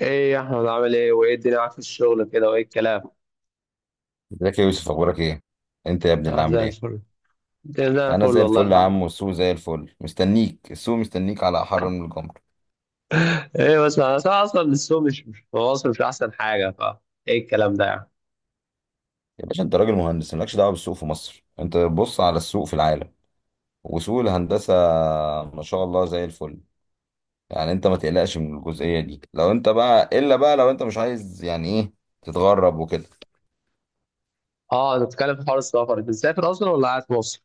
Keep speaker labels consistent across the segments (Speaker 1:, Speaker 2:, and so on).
Speaker 1: ايه يا احمد، عامل ايه وايه الدنيا معاك في الشغل كده وايه الكلام؟
Speaker 2: ازيك يا يوسف، اخبارك ايه؟ انت يا ابني اللي
Speaker 1: اه،
Speaker 2: عامل
Speaker 1: زي
Speaker 2: ايه؟
Speaker 1: الفل. الدنيا زي الفل،
Speaker 2: انا زي
Speaker 1: والله
Speaker 2: الفل يا
Speaker 1: الحمد
Speaker 2: عم،
Speaker 1: لله.
Speaker 2: والسوق زي الفل مستنيك. السوق مستنيك على احر من الجمر.
Speaker 1: ايه بس انا اصلا السوق مش في مصر، مش احسن حاجه، فا ايه الكلام ده يعني؟
Speaker 2: يا باشا، انت راجل مهندس مالكش دعوه بالسوق في مصر. انت بص على السوق في العالم وسوق الهندسه ما شاء الله زي الفل. يعني انت ما تقلقش من الجزئيه دي. لو انت بقى الا بقى لو انت مش عايز يعني ايه تتغرب وكده.
Speaker 1: اه، نتكلم في حوار السفر. انت مسافر اصلا ولا قاعد في مصر؟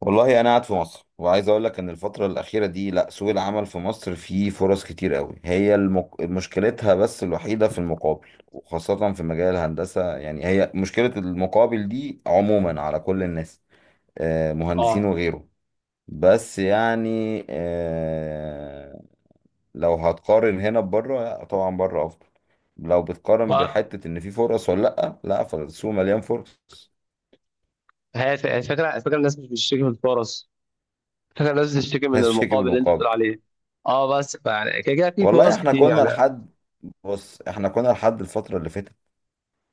Speaker 2: والله انا قاعد في مصر، وعايز اقول لك ان الفتره الاخيره دي لا، سوق العمل في مصر فيه فرص كتير قوي. هي مشكلتها بس الوحيده في المقابل، وخاصه في مجال الهندسه. يعني هي مشكله المقابل دي عموما على كل الناس، مهندسين
Speaker 1: اه،
Speaker 2: وغيره. بس يعني لو هتقارن هنا ببره، لا، طبعا بره افضل. لو بتقارن
Speaker 1: و-
Speaker 2: بحته ان في فرص ولا لا، لا، فالسوق مليان فرص.
Speaker 1: هي الفكره، الناس مش بتشتكي من الفرص، الفكره الناس بتشتكي من
Speaker 2: بس شكل
Speaker 1: المقابل اللي انت بتقول
Speaker 2: بالمقابل.
Speaker 1: عليه. اه بس يعني كده كده في
Speaker 2: والله
Speaker 1: فرص
Speaker 2: احنا
Speaker 1: كتير
Speaker 2: كنا
Speaker 1: يعني.
Speaker 2: لحد، بص احنا كنا لحد الفترة اللي فاتت،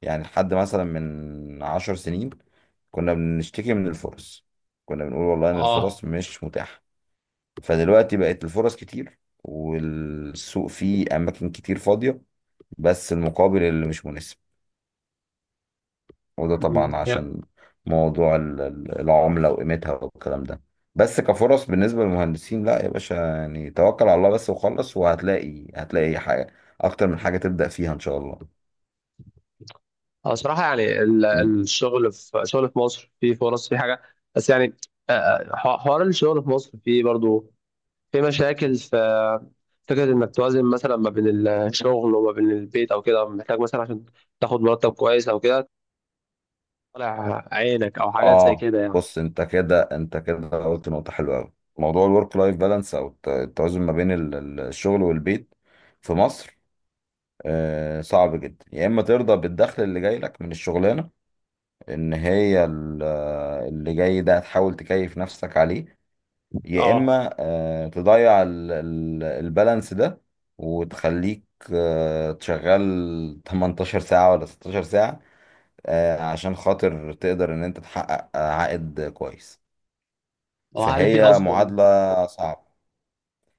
Speaker 2: يعني لحد مثلا من عشر سنين كنا بنشتكي من الفرص. كنا بنقول والله ان
Speaker 1: اه.
Speaker 2: الفرص مش متاحة، فدلوقتي بقت الفرص كتير والسوق فيه اماكن كتير فاضية، بس المقابل اللي مش مناسب. وده طبعا عشان موضوع العملة وقيمتها والكلام ده. بس كفرص بالنسبة للمهندسين، لا يا باشا، يعني توكل على الله بس وخلص، وهتلاقي حاجة اكتر من حاجة تبدأ فيها ان شاء الله.
Speaker 1: اه صراحة يعني ال- الشغل في شغل في مصر فيه فرص، فيه حاجة. بس يعني حوار الشغل في مصر فيه برضو في مشاكل، في فكرة إنك توازن مثلا ما بين الشغل وما بين البيت أو كده، محتاج مثلا عشان تاخد مرتب كويس أو كده طالع عينك أو حاجات زي
Speaker 2: اه
Speaker 1: كده يعني.
Speaker 2: بص، انت كده قلت نقطة حلوة قوي. موضوع الورك لايف بالانس، او التوازن ما بين الشغل والبيت في مصر، آه صعب جدا. يا اما ترضى بالدخل اللي جاي لك من الشغلانة، ان هي اللي جاي ده هتحاول تكيف نفسك عليه، يا
Speaker 1: اه.
Speaker 2: اما تضيع البالانس ده وتخليك تشغل 18 ساعة ولا 16 ساعة، عشان خاطر تقدر ان انت تحقق عائد كويس.
Speaker 1: وهل في
Speaker 2: فهي
Speaker 1: أصلا؟
Speaker 2: معادلة صعبة.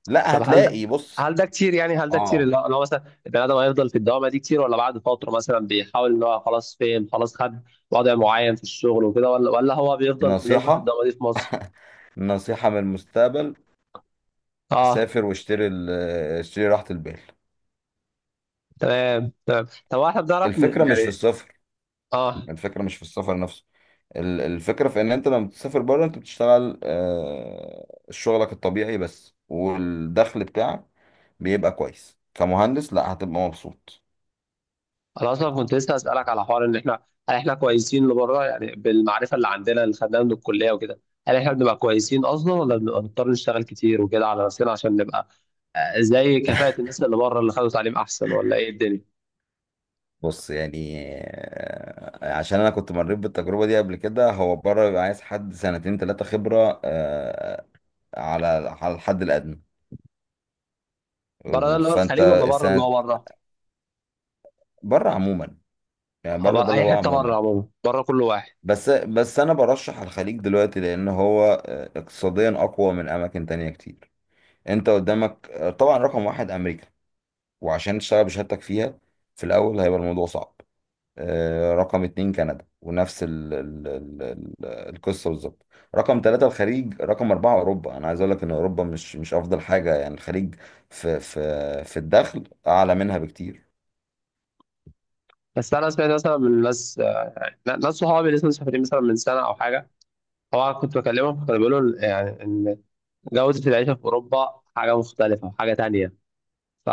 Speaker 2: لا،
Speaker 1: طب،
Speaker 2: هتلاقي بص.
Speaker 1: هل ده كتير،
Speaker 2: اه
Speaker 1: اللي هو مثلا البني ادم هيفضل في الدوامه دي كتير، ولا بعد فتره مثلا بيحاول ان هو خلاص فهم، خلاص خد وضع معين في الشغل وكده، ولا هو بيفضل بنفضل في
Speaker 2: نصيحة،
Speaker 1: الدوامه دي في مصر؟
Speaker 2: نصيحة من المستقبل.
Speaker 1: اه.
Speaker 2: سافر واشتري اشتري راحة البال.
Speaker 1: تمام، تمام. طب هو احنا بنعرف
Speaker 2: الفكرة مش في
Speaker 1: يعني.
Speaker 2: السفر،
Speaker 1: اه.
Speaker 2: الفكرة مش في السفر نفسه. الفكرة في ان انت لما بتسافر بره، انت بتشتغل شغلك الطبيعي بس، والدخل بتاعك بيبقى كويس كمهندس. لا، هتبقى مبسوط.
Speaker 1: انا اصلا كنت لسه اسالك على حوار ان احنا، هل احنا كويسين لبره يعني بالمعرفه اللي عندنا اللي خدناها من الكليه وكده؟ هل احنا بنبقى كويسين اصلا ولا بنبقى نضطر نشتغل كتير وكده على نفسنا عشان نبقى زي كفاءه الناس اللي بره اللي خدوا تعليم احسن، ولا ايه الدنيا؟
Speaker 2: بص يعني عشان انا كنت مريت بالتجربه دي قبل كده. هو بره بيبقى عايز حد سنتين ثلاثه خبره على على الحد الادنى.
Speaker 1: بره ده اللي هو
Speaker 2: فانت
Speaker 1: الخليج، ولا بره اللي
Speaker 2: السنه
Speaker 1: هو بره؟
Speaker 2: بره عموما، يعني بره
Speaker 1: بره
Speaker 2: ده اللي
Speaker 1: اي
Speaker 2: هو
Speaker 1: حته، بره
Speaker 2: عموما.
Speaker 1: عموما، بره كل واحد.
Speaker 2: بس انا برشح الخليج دلوقتي، لان هو اقتصاديا اقوى من اماكن تانية كتير. انت قدامك طبعا رقم واحد امريكا، وعشان تشتغل بشهادتك فيها في الاول هيبقى الموضوع صعب. رقم اتنين كندا، ونفس ال القصة بالظبط. رقم ثلاثة الخليج، رقم أربعة أوروبا. أنا عايز أقول لك إن أوروبا مش أفضل حاجة، يعني الخليج في في في الدخل أعلى منها بكتير.
Speaker 1: بس انا سمعت مثلا من ناس صحابي اللي لسه مسافرين مثلا من سنه او حاجه، هو كنت بكلمهم كانوا بيقولوا يعني ان جوده العيشه في اوروبا حاجه مختلفه، حاجه تانية. ف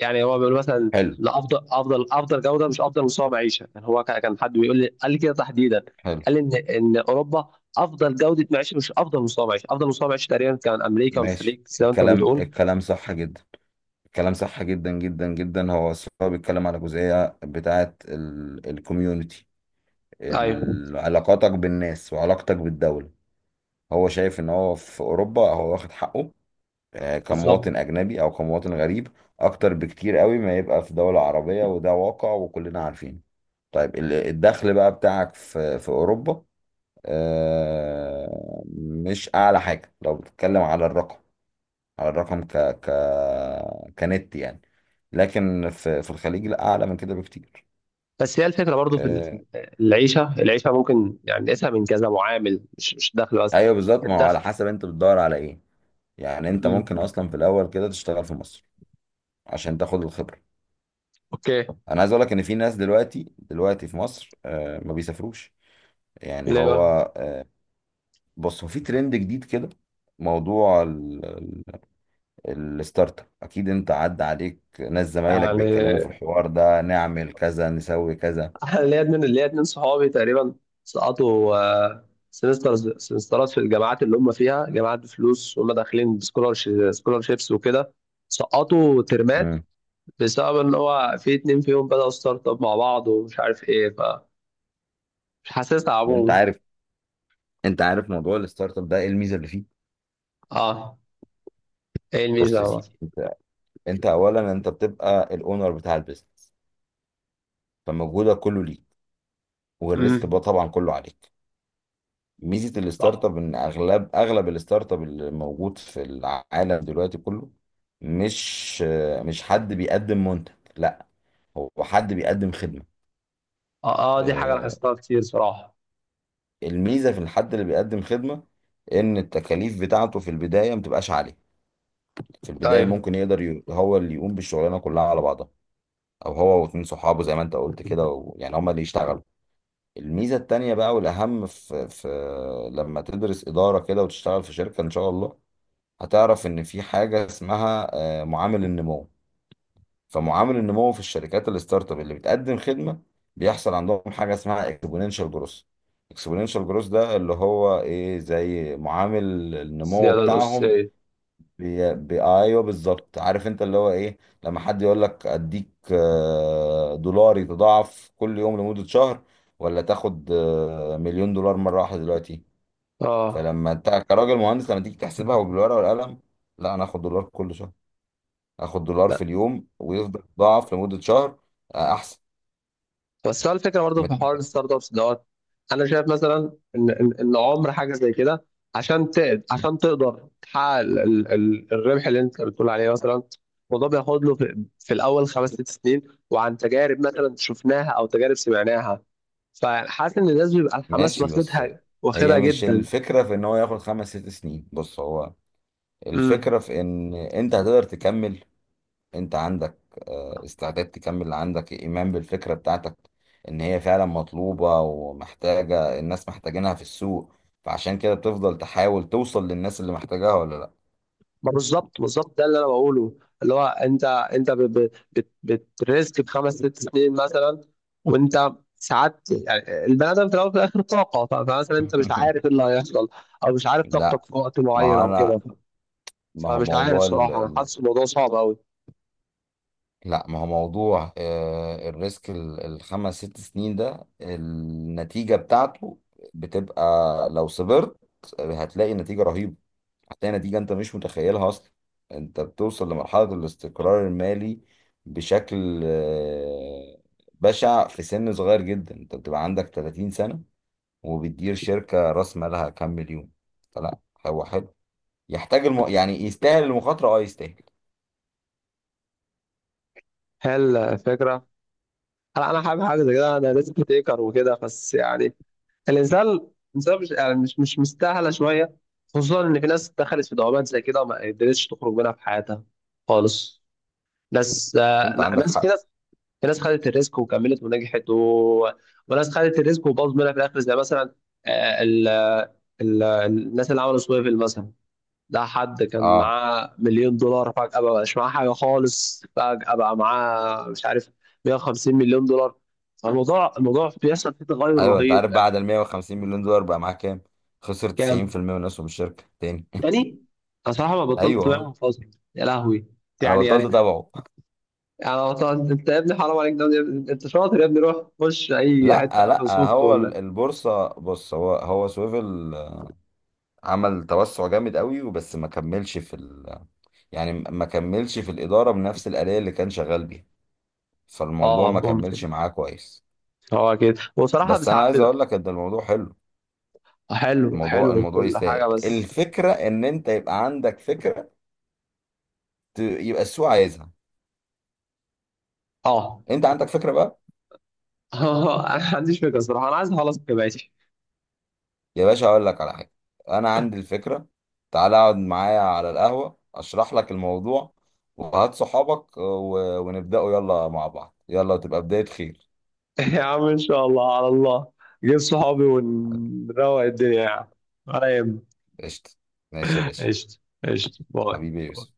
Speaker 1: يعني هو بيقول مثلا،
Speaker 2: حلو.
Speaker 1: لا، افضل، افضل جوده مش افضل مستوى معيشه. يعني هو كان حد بيقول لي، قال لي كده تحديدا،
Speaker 2: حلو.
Speaker 1: قال لي ان اوروبا افضل جوده معيشه مش افضل مستوى معيشه. افضل مستوى معيشه تقريبا كان امريكا
Speaker 2: ماشي،
Speaker 1: والخليج زي ما انت
Speaker 2: الكلام
Speaker 1: بتقول.
Speaker 2: الكلام صح جدا، الكلام صح جدا جدا جدا. هو الصراحة بيتكلم على جزئية بتاعة الكوميونتي،
Speaker 1: ايوه،
Speaker 2: علاقاتك بالناس وعلاقتك بالدولة. هو شايف إن هو في أوروبا هو واخد حقه
Speaker 1: بالظبط.
Speaker 2: كمواطن أجنبي أو كمواطن غريب أكتر بكتير قوي ما يبقى في دولة عربية، وده واقع وكلنا عارفين. طيب الدخل بقى بتاعك في في أوروبا مش أعلى حاجة. لو بتتكلم على الرقم، على الرقم ك ك كنت يعني، لكن في في الخليج لا، أعلى من كده بكتير.
Speaker 1: بس هي الفكره برضو في
Speaker 2: آه،
Speaker 1: العيشه ممكن يعني نقيسها من كذا معامل، مش الدخل بس.
Speaker 2: أيوه بالظبط، ما هو على
Speaker 1: الدخل.
Speaker 2: حسب أنت بتدور على إيه. يعني أنت ممكن
Speaker 1: مم.
Speaker 2: أصلا في الأول كده تشتغل في مصر عشان تاخد الخبرة.
Speaker 1: اوكي.
Speaker 2: انا عايز اقول لك ان في ناس دلوقتي، دلوقتي في مصر ما بيسافروش. يعني
Speaker 1: ليه
Speaker 2: هو
Speaker 1: بقى؟
Speaker 2: آه، بص هو في ترند جديد كده. موضوع الستارت اب، اكيد انت عدى عليك ناس زمايلك
Speaker 1: يعني
Speaker 2: بيتكلموا في الحوار ده، نعمل كذا نسوي كذا.
Speaker 1: أنا ليا اتنين صحابي تقريبا، سقطوا سمسترات في الجامعات اللي هم فيها، جامعات بفلوس وهم داخلين سكولارشيبس وكده، سقطوا ترمات
Speaker 2: امم.
Speaker 1: بسبب ان هو في اتنين فيهم بدأوا ستارت اب مع بعض ومش عارف ايه، فمش حاسسها
Speaker 2: انت
Speaker 1: عموما.
Speaker 2: عارف، انت عارف موضوع الستارت اب ده ايه الميزه اللي فيه؟
Speaker 1: اه، ايه الميزه
Speaker 2: بص
Speaker 1: يا
Speaker 2: يا سيدي،
Speaker 1: عمر؟
Speaker 2: انت اولا انت بتبقى الاونر بتاع البيزنس، فمجهودك كله ليك، والريسك
Speaker 1: امم.
Speaker 2: بقى طبعا كله عليك. ميزه الستارت
Speaker 1: صح.
Speaker 2: اب ان اغلب الستارت اب اللي موجود في العالم دلوقتي كله مش مش حد بيقدم منتج، لا، هو حد بيقدم خدمه.
Speaker 1: اه، دي حاجة
Speaker 2: آه،
Speaker 1: لاحظتها كتير صراحة.
Speaker 2: الميزه في الحد اللي بيقدم خدمه ان التكاليف بتاعته في البدايه ما بتبقاش عاليه. في البدايه
Speaker 1: ايوه.
Speaker 2: ممكن يقدر هو اللي يقوم بالشغلانه كلها على بعضها، او هو واتنين صحابه زي ما انت قلت كده، يعني هما اللي يشتغلوا. الميزه التانيه بقى والاهم في لما تدرس اداره كده وتشتغل في شركه ان شاء الله، هتعرف ان في حاجه اسمها معامل النمو. فمعامل النمو في الشركات الستارت اب اللي بتقدم خدمه بيحصل عندهم حاجه اسمها اكسبوننشال جروث. اكسبوننشال جروث ده اللي هو ايه، زي معامل النمو
Speaker 1: الزيادة
Speaker 2: بتاعهم.
Speaker 1: الأساسية.
Speaker 2: ايوه بالظبط، عارف انت اللي هو ايه. لما حد يقول لك اديك دولار يتضاعف كل يوم لمده شهر، ولا تاخد مليون دولار مره واحده دلوقتي.
Speaker 1: اه.
Speaker 2: فلما انت كراجل مهندس لما تيجي تحسبها وبالورقه والقلم، لا انا اخد دولار كل شهر، اخد دولار
Speaker 1: لا
Speaker 2: في اليوم ويفضل يتضاعف لمدة شهر، احسن.
Speaker 1: بس هو الفكرة برضه
Speaker 2: ما
Speaker 1: في
Speaker 2: دي
Speaker 1: حوار الستارت ابس دوت أنا شايف مثلا إن إن عمر حاجة زي كده، عشان تقدر تحقق الربح اللي أنت بتقول عليه مثلا. الموضوع بياخد له في الأول خمس ست سنين، وعن تجارب مثلا شفناها أو تجارب سمعناها، فحاسس إن الناس بيبقى الحماس
Speaker 2: ماشي. بس
Speaker 1: واخدها،
Speaker 2: هي
Speaker 1: واخدها
Speaker 2: مش
Speaker 1: جدا.
Speaker 2: الفكرة في ان هو ياخد خمس ست سنين، بص هو الفكرة
Speaker 1: امم.
Speaker 2: في ان انت هتقدر تكمل. انت عندك استعداد تكمل، عندك ايمان بالفكرة بتاعتك ان هي فعلا مطلوبة ومحتاجة، الناس محتاجينها في السوق، فعشان كده بتفضل تحاول توصل للناس اللي محتاجاها ولا لا.
Speaker 1: ما بالظبط ده اللي انا بقوله اللي هو انت، بتريسك بخمس ست سنين مثلا. وانت ساعات يعني البني ادم في الاول وفي الاخر طاقه، فمثلا انت مش عارف ايه اللي هيحصل او مش عارف طاقتك
Speaker 2: لا،
Speaker 1: في وقت
Speaker 2: ما
Speaker 1: معين
Speaker 2: هو
Speaker 1: او كده،
Speaker 2: انا ما هو
Speaker 1: فمش عارف
Speaker 2: موضوع
Speaker 1: صراحه انا حاسس الموضوع صعب قوي.
Speaker 2: لا ما هو موضوع الريسك الخمس ست سنين ده، النتيجة بتاعته بتبقى، لو صبرت هتلاقي نتيجة رهيبة، هتلاقي نتيجة انت مش متخيلها اصلا. انت بتوصل لمرحلة الاستقرار المالي بشكل بشع، في سن صغير جدا. انت بتبقى عندك 30 سنة وبتدير شركة راس مالها كام مليون. فلا، هو حلو، يحتاج يعني يستاهل المخاطرة، اه يستاهل.
Speaker 1: هي الفكره، هل انا حابب حاجه زي كده؟ انا ريسك تيكر وكده، بس يعني الانسان الانسان مش يعني مش مستاهله شويه، خصوصا ان في ناس دخلت في دوامات زي كده وما قدرتش تخرج منها في حياتها خالص. ناس
Speaker 2: انت
Speaker 1: لا،
Speaker 2: عندك حق.
Speaker 1: ناس، في ناس خدت الريسك وكملت ونجحت و... وناس خدت الريسك وباظت منها في الاخر، زي مثلا آه، ال... الناس اللي عملوا سويفل مثلا. ده حد كان
Speaker 2: اه،
Speaker 1: معاه مليون دولار فجأة بقى مش معاه حاجة خالص، فجأة بقى معاه مش عارف 150 مليون دولار. الموضوع بيحصل فيه تغير
Speaker 2: ايوه انت
Speaker 1: رهيب
Speaker 2: عارف
Speaker 1: يعني.
Speaker 2: بعد ال 150 مليون دولار بقى معاه كام؟ خسر
Speaker 1: كام؟
Speaker 2: 90% من اسهم الشركه تاني.
Speaker 1: تاني؟ أنا صراحة ما بطلت بيع
Speaker 2: ايوه
Speaker 1: من فترة. يا لهوي.
Speaker 2: انا
Speaker 1: يعني
Speaker 2: بطلت
Speaker 1: يعني
Speaker 2: اتابعه.
Speaker 1: يعني أصلاً انت يا ابني حرام عليك ده يا- انت شاطر يا ابني، روح خش اي حته
Speaker 2: لا لا
Speaker 1: مايكروسوفت
Speaker 2: هو
Speaker 1: ولا.
Speaker 2: البورصه. بص هو هو سويفل عمل توسع جامد قوي وبس ما كملش في ال يعني ما كملش في الاداره بنفس الاليه اللي كان شغال بيها، فالموضوع ما
Speaker 1: اه، ممكن.
Speaker 2: كملش معاه كويس.
Speaker 1: هو كده، وصراحه
Speaker 2: بس انا
Speaker 1: ساعات
Speaker 2: عايز اقول
Speaker 1: بيبقى
Speaker 2: لك ان الموضوع حلو،
Speaker 1: حلو.
Speaker 2: الموضوع
Speaker 1: حلو
Speaker 2: الموضوع
Speaker 1: وكل
Speaker 2: يستاهل.
Speaker 1: حاجه بس.
Speaker 2: الفكره ان انت يبقى عندك فكره، يبقى السوق عايزها.
Speaker 1: اه
Speaker 2: انت عندك فكره بقى؟
Speaker 1: انا ما عنديش فكره صراحه، انا عايز اخلص جامعتي.
Speaker 2: يا باشا اقول لك على حاجه، انا عندي الفكره. تعالى اقعد معايا على القهوه اشرح لك الموضوع، وهات صحابك ونبداوا يلا مع بعض، يلا تبقى بدايه خير.
Speaker 1: يا عم ان شاء الله على الله، جيب صحابي ونروق الدنيا يعني، على يهمك.
Speaker 2: قشطه. ماشي يا باشا.
Speaker 1: قشطه. قشطه،
Speaker 2: حبيبي يا
Speaker 1: باي.
Speaker 2: يوسف.